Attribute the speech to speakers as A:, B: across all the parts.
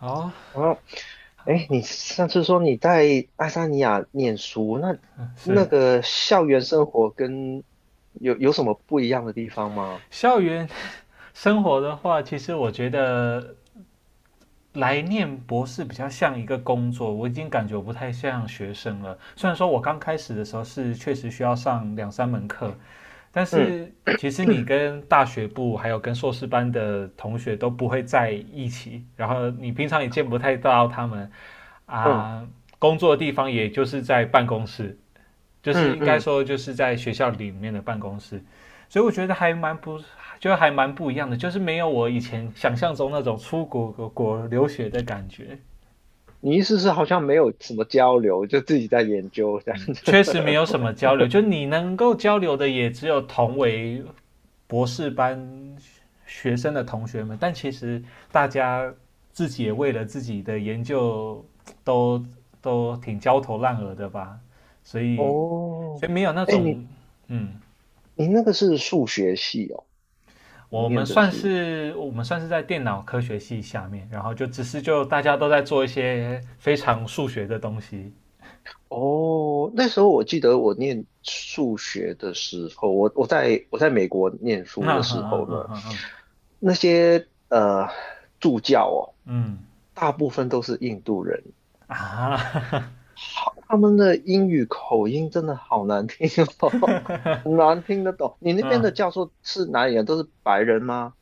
A: 哦
B: 哦，
A: ，Hello，
B: 哎，你上次说你在爱沙尼亚念书，那那
A: 是。
B: 个校园生活跟有什么不一样的地方吗？
A: 校园生活的话，其实我觉得来念博士比较像一个工作，我已经感觉我不太像学生了。虽然说我刚开始的时候是确实需要上两三门课，但
B: 嗯
A: 是其实你跟大学部还有跟硕士班的同学都不会在一起，然后你平常也见不太到他们
B: 嗯
A: 啊。工作的地方也就是在办公室，就是
B: 嗯
A: 应该
B: 嗯，
A: 说就是在学校里面的办公室，所以我觉得还蛮不一样的，就是没有我以前想象中那种出国留学的感觉。
B: 你意思是好像没有什么交流，就自己在研究这样
A: 确
B: 子？
A: 实没有什么交流，就你能够交流的也只有同为博士班学生的同学们，但其实大家自己也为了自己的研究都都挺焦头烂额的吧。所 以
B: 哦，
A: 所以没有那
B: 哎，你
A: 种。嗯
B: 你那个是数学系哦，你
A: 我们
B: 念的
A: 算
B: 是？
A: 是我们算是在电脑科学系下面，然后就只是就大家都在做一些非常数学的东西。
B: 哦，那时候我记得我念数学的时候，我在美国念
A: 嗯
B: 书的
A: 嗯
B: 时
A: 嗯
B: 候
A: 嗯嗯
B: 呢，
A: 嗯嗯
B: 那些助教哦，
A: 嗯。
B: 大部分都是印度人，好，他们的英语口音真的好难听哦，很难听得懂。你那边的
A: 嗯
B: 教授是哪里人？都是白人吗？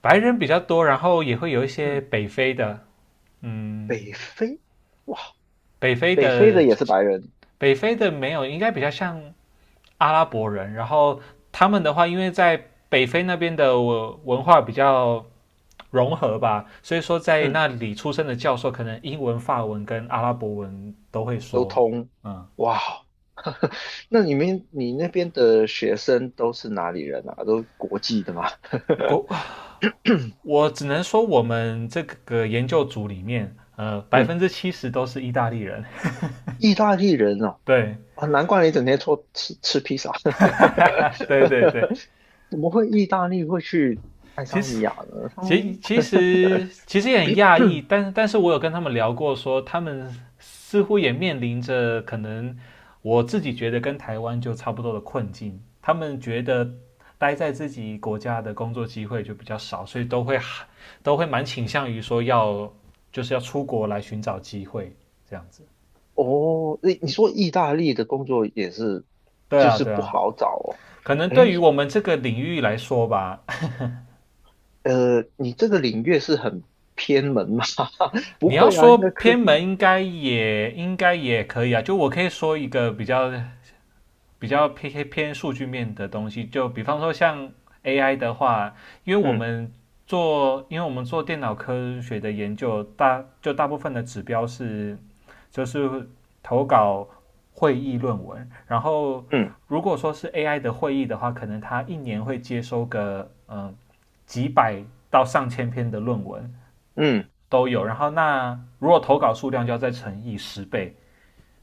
A: 白人比较多，然后也会有一些
B: 嗯，
A: 北非的。
B: 北非，哇，
A: 北非
B: 北非的
A: 的
B: 也是白人，
A: 北非的没有，应该比较像阿拉伯人。然后他们的话，因为在北非那边的文化比较融合吧，所以说在
B: 嗯，
A: 那里出生的教授可能英文、法文跟阿拉伯文都会
B: 都
A: 说。
B: 通，
A: 嗯，
B: 哇。那你那边的学生都是哪里人啊？都国际的吗？
A: 国我只能说，我们这个研究组里面，百
B: 嗯，
A: 分之七十都是意大利人。
B: 意大利人哦，
A: 对，
B: 啊，难怪你整天说吃披萨，
A: 对，对，对。
B: 怎么会意大利会去？
A: 其实，
B: 他
A: 其
B: 们
A: 其实其实也很讶异，但是我有跟他们聊过说，他们似乎也面临着可能我自己觉得跟台湾就差不多的困境。他们觉得待在自己国家的工作机会就比较少，所以都会蛮倾向于说要就是要出国来寻找机会这样子。
B: 哦，你说意大利的工作也是，
A: 对
B: 就
A: 啊，
B: 是
A: 对
B: 不
A: 啊。
B: 好找哦。
A: 可能对
B: 哎，
A: 于我们这个领域来说吧，
B: 你这个领域是很偏门吗？不
A: 你要
B: 会啊，
A: 说
B: 应该科
A: 偏门
B: 技。
A: 应该也可以啊。就我可以说一个比较偏数据面的东西，就比方说像 AI 的话，因为我
B: 嗯
A: 们做因为我们做电脑科学的研究，大部分的指标是就是投稿会议论文，然后
B: 嗯
A: 如果说是 AI 的会议的话，可能它一年会接收个几百到上千篇的论文。
B: 嗯
A: 都有。然后那如果投稿数量就要再乘以10倍，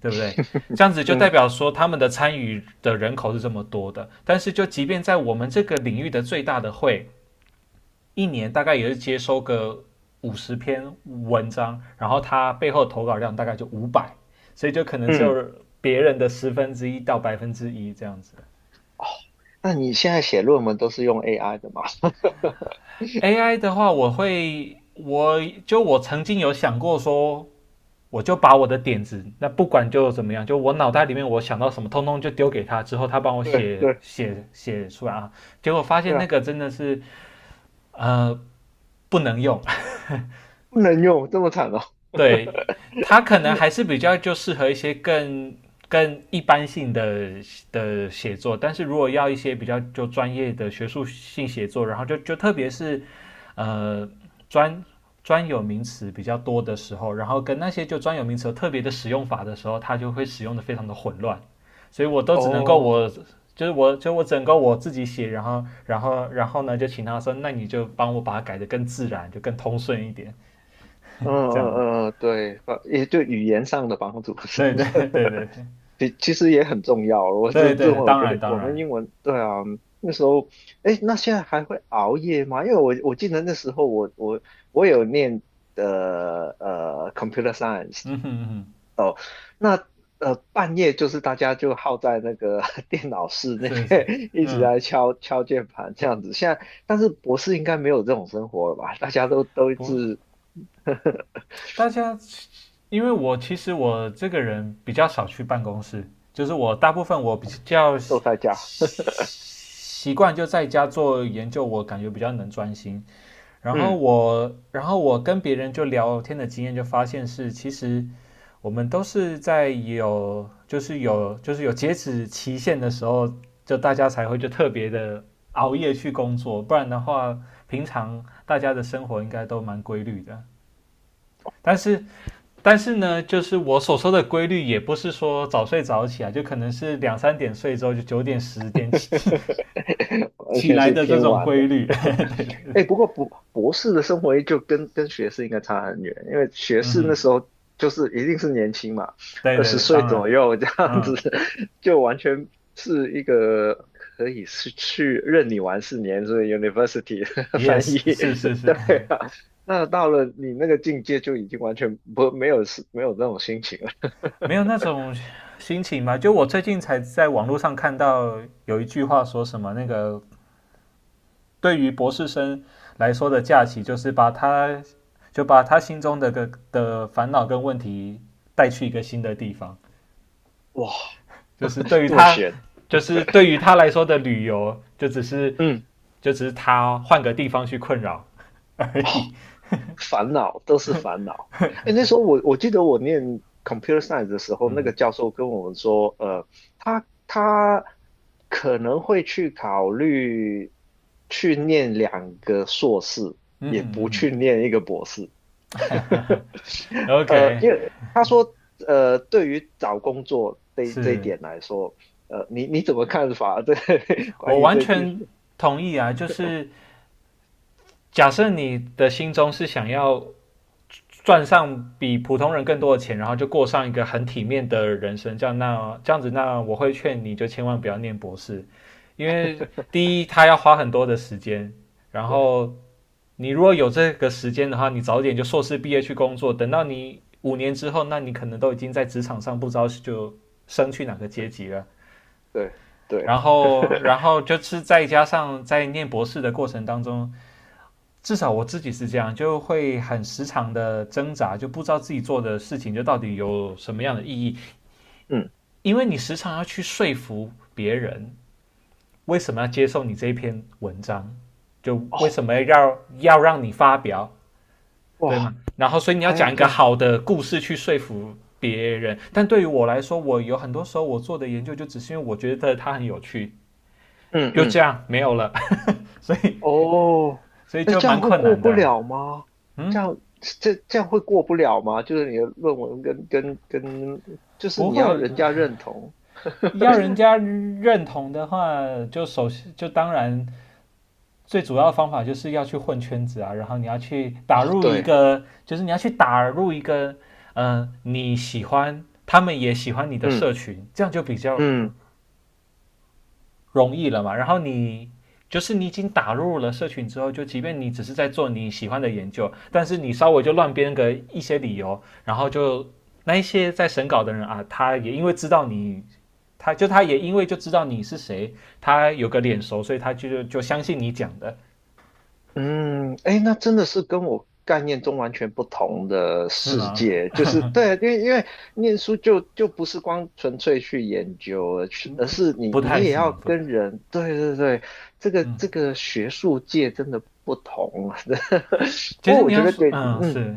A: 对不对？这样子就代
B: 嗯
A: 表说他们的参与的人口是这么多的。但是就即便在我们这个领域的最大的会，一年大概也是接收个50篇文章，然后它背后投稿量大概就500，所以就可能只
B: 嗯，
A: 有别人的1/10到1%这样子。
B: 那你现在写论文都是用 AI 的吗？
A: AI 的话，我会，我曾经有想过说，我就把我的点子，那不管就怎么样，就我脑袋里面我想到什么，通通就丢给他，之后他帮我
B: 对
A: 写
B: 对
A: 写写出来啊。结果发
B: 对
A: 现那
B: 啊，
A: 个真的是呃不能用。
B: 不能用这么惨哦。
A: 对， 他可能还是比较就适合一些更一般性的写作，但是如果要一些比较就专业的学术性写作，然后就特别是呃专专有名词比较多的时候，然后跟那些就专有名词有特别的使用法的时候，它就会使用的非常的混乱，所以我都只能够
B: 哦，
A: 我就是我就我整个我自己写，然后呢就请他说，那你就帮我把它改的更自然，就更通顺一点，
B: 嗯
A: 这
B: 嗯
A: 样。
B: 嗯，嗯对，也对语言上的帮助，是
A: 对
B: 不
A: 对
B: 是
A: 对对 对
B: 其实也很重要。我这
A: 对对
B: 这
A: 对，
B: 会我
A: 当
B: 觉
A: 然
B: 得
A: 当
B: 我们
A: 然。
B: 英文，对啊，那时候，哎，那现在还会熬夜吗？因为我记得那时候我有念的computer science，
A: 嗯哼嗯哼。
B: 哦，那半夜就是大家就耗在那个 电脑室那
A: 是是。
B: 边 一直
A: 嗯。
B: 在敲敲键盘这样子。现在但是博士应该没有这种生活了吧？大家都一
A: 不，
B: 直
A: 大家因为我其实我这个人比较少去办公室，就是我大部分我比较
B: 都在家，
A: 习惯就在家做研究，我感觉比较能专心。然后
B: 嗯，
A: 我跟别人就聊天的经验，就发现是，其实我们都是在有，就是有，就是有截止期限的时候，就大家才会就特别的熬夜去工作，不然的话，平常大家的生活应该都蛮规律的。但是，但是呢，就是我所说的规律，也不是说早睡早起啊，就可能是两三点睡之后，就9点、10点
B: 完全
A: 来
B: 是
A: 的这
B: 偏
A: 种
B: 晚
A: 规
B: 的。
A: 律。对对对。
B: 哎，不过博士的生活就跟学士应该差很远，因为学
A: 嗯
B: 士
A: 哼。
B: 那时候就是一定是年轻嘛，
A: 对
B: 二
A: 对
B: 十
A: 对，
B: 岁
A: 当
B: 左
A: 然。
B: 右这样子，
A: 嗯
B: 就完全是一个可以是去任你玩4年，所以 university 的 翻
A: ，yes，
B: 译，
A: 是是 是。
B: 对啊。那到了你那个境界，就已经完全不没有没有那种心情了，
A: 没有那种心情吧？就我最近才在网络上看到有一句话说什么，那个对于博士生来说的假期，就是把他心中的烦恼跟问题带去一个新的地方，
B: 哇
A: 就是对 于
B: 这么
A: 他。
B: 悬，
A: 就是对于他来说的旅游，就只是
B: 嗯。
A: 就只是他换个地方去困扰而已。
B: 烦恼都是烦恼。哎，那时候我记得我念 computer science 的时候，
A: 嗯
B: 那个
A: 哼
B: 教授跟我们说，他可能会去考虑去念2个硕士，
A: 嗯
B: 也
A: 哼嗯
B: 不
A: 哼。
B: 去念一个博士。
A: OK，
B: 因为他说，对于找工作这一
A: 是。
B: 点来说，你怎么看法？对，关
A: 我
B: 于
A: 完
B: 这句是，
A: 全同意啊。就是假设你的心中是想要赚上比普通人更多的钱，然后就过上一个很体面的人生，这样子，那我会劝你就千万不要念博士，因为第一，他要花很多的时间，然
B: 对
A: 后你如果有这个时间的话，你早点就硕士毕业去工作，等到你5年之后，那你可能都已经在职场上不知道就升去哪个阶
B: 对
A: 级了。
B: 对对，
A: 然后就是再加上在念博士的过程当中，至少我自己是这样，就会很时常的挣扎，就不知道自己做的事情就到底有什么样的意义，
B: 嗯，
A: 因为你时常要去说服别人为什么要接受你这一篇文章，就为
B: 哦，
A: 什么要让你发表，对
B: 哇，
A: 吗？然后，所以你要
B: 还要
A: 讲一
B: 这
A: 个
B: 样，
A: 好的故事去说服别人。但对于我来说，我有很多时候我做的研究就只是因为我觉得它很有趣，
B: 嗯
A: 就这
B: 嗯。
A: 样没有了。所以。
B: 哦，
A: 所以
B: 那
A: 就
B: 这
A: 蛮
B: 样会
A: 困
B: 过
A: 难
B: 不
A: 的。
B: 了吗？
A: 嗯，
B: 这样会过不了吗？就是你的论文跟，就是
A: 不
B: 你
A: 会。
B: 要人家认同。
A: 要人家认同的话，就首先就当然最主要的方法就是要去混圈子啊，然后
B: 哦，对，
A: 你要去打入一个，嗯，你喜欢，他们也喜欢你的社
B: 嗯
A: 群，这样就比较
B: 嗯
A: 容易了嘛。然后你就是你已经打入了社群之后，就即便你只是在做你喜欢的研究，但是你稍微就乱编个一些理由，然后就那一些在审稿的人啊，他也因为就知道你是谁，他有个脸熟，所以他就相信你讲的，
B: 嗯，哎，那真的是跟我概念中完全不同的
A: 是
B: 世
A: 吗？
B: 界。就是对，因为念书就不是光纯粹去研究了，去而是你
A: 不
B: 你
A: 太
B: 也要
A: 行，不太，
B: 跟人。对对对，这个
A: 嗯，
B: 这个学术界真的不同啊。不
A: 其
B: 过
A: 实
B: 我
A: 你
B: 觉
A: 要
B: 得
A: 说，
B: 对，
A: 嗯，
B: 嗯。
A: 是，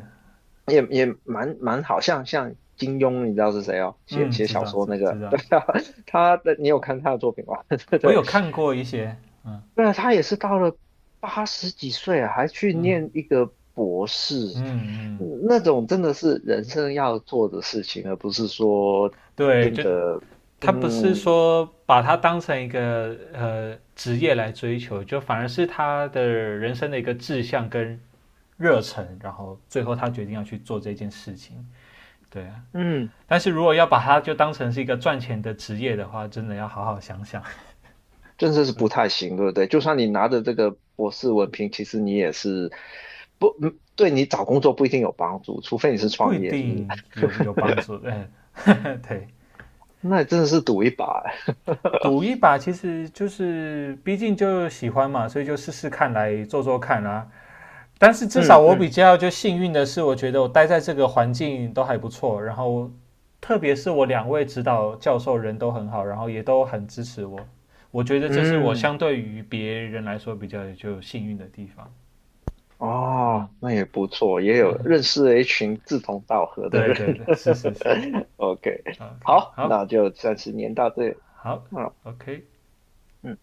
B: 蛮好像金庸，你知道是谁哦？写
A: 嗯，
B: 写
A: 知
B: 小
A: 道，
B: 说
A: 知
B: 那
A: 知
B: 个，
A: 道，
B: 对啊，你有看他的作品吗？对
A: 我
B: 对，
A: 有看过一些。嗯
B: 对啊，他也是到了80几岁啊，还去
A: 嗯
B: 念一个博
A: 嗯
B: 士，
A: 嗯。
B: 嗯那种真的是人生要做的事情，而不是说
A: 对，
B: 真
A: 就
B: 的，
A: 他不是
B: 嗯
A: 说把它当成一个职业来追求，就反而是他的人生的一个志向跟热忱，然后最后他决定要去做这件事情，对啊，
B: 嗯，
A: 但是如果要把它就当成是一个赚钱的职业的话，真的要好好想想，
B: 真的是不太行，对不对？就算你拿着这个博士文凭，其实你也是不，嗯对你找工作不一定有帮助，除非你是
A: 不一
B: 创业，是不是？
A: 定有帮助。哎，呵呵对。
B: 那真的是赌一把啊。
A: 赌一把其实就是，毕竟就喜欢嘛，所以就试试看来做做看啦、但是至少
B: 嗯
A: 我比
B: 嗯
A: 较就幸运的是，我觉得我待在这个环境都还不错，然后特别是我两位指导教授人都很好，然后也都很支持我。我觉得这是我
B: 嗯，
A: 相对于别人来说比较就幸运的地方。嗯
B: 哦，那也不错，也有
A: 嗯，
B: 认识了一群志同道合的
A: 对
B: 人。
A: 对对，是是是
B: OK，
A: ，OK，
B: 好，
A: 好
B: 那就暂时念到这里。
A: 好
B: 嗯。
A: ，OK，
B: 嗯。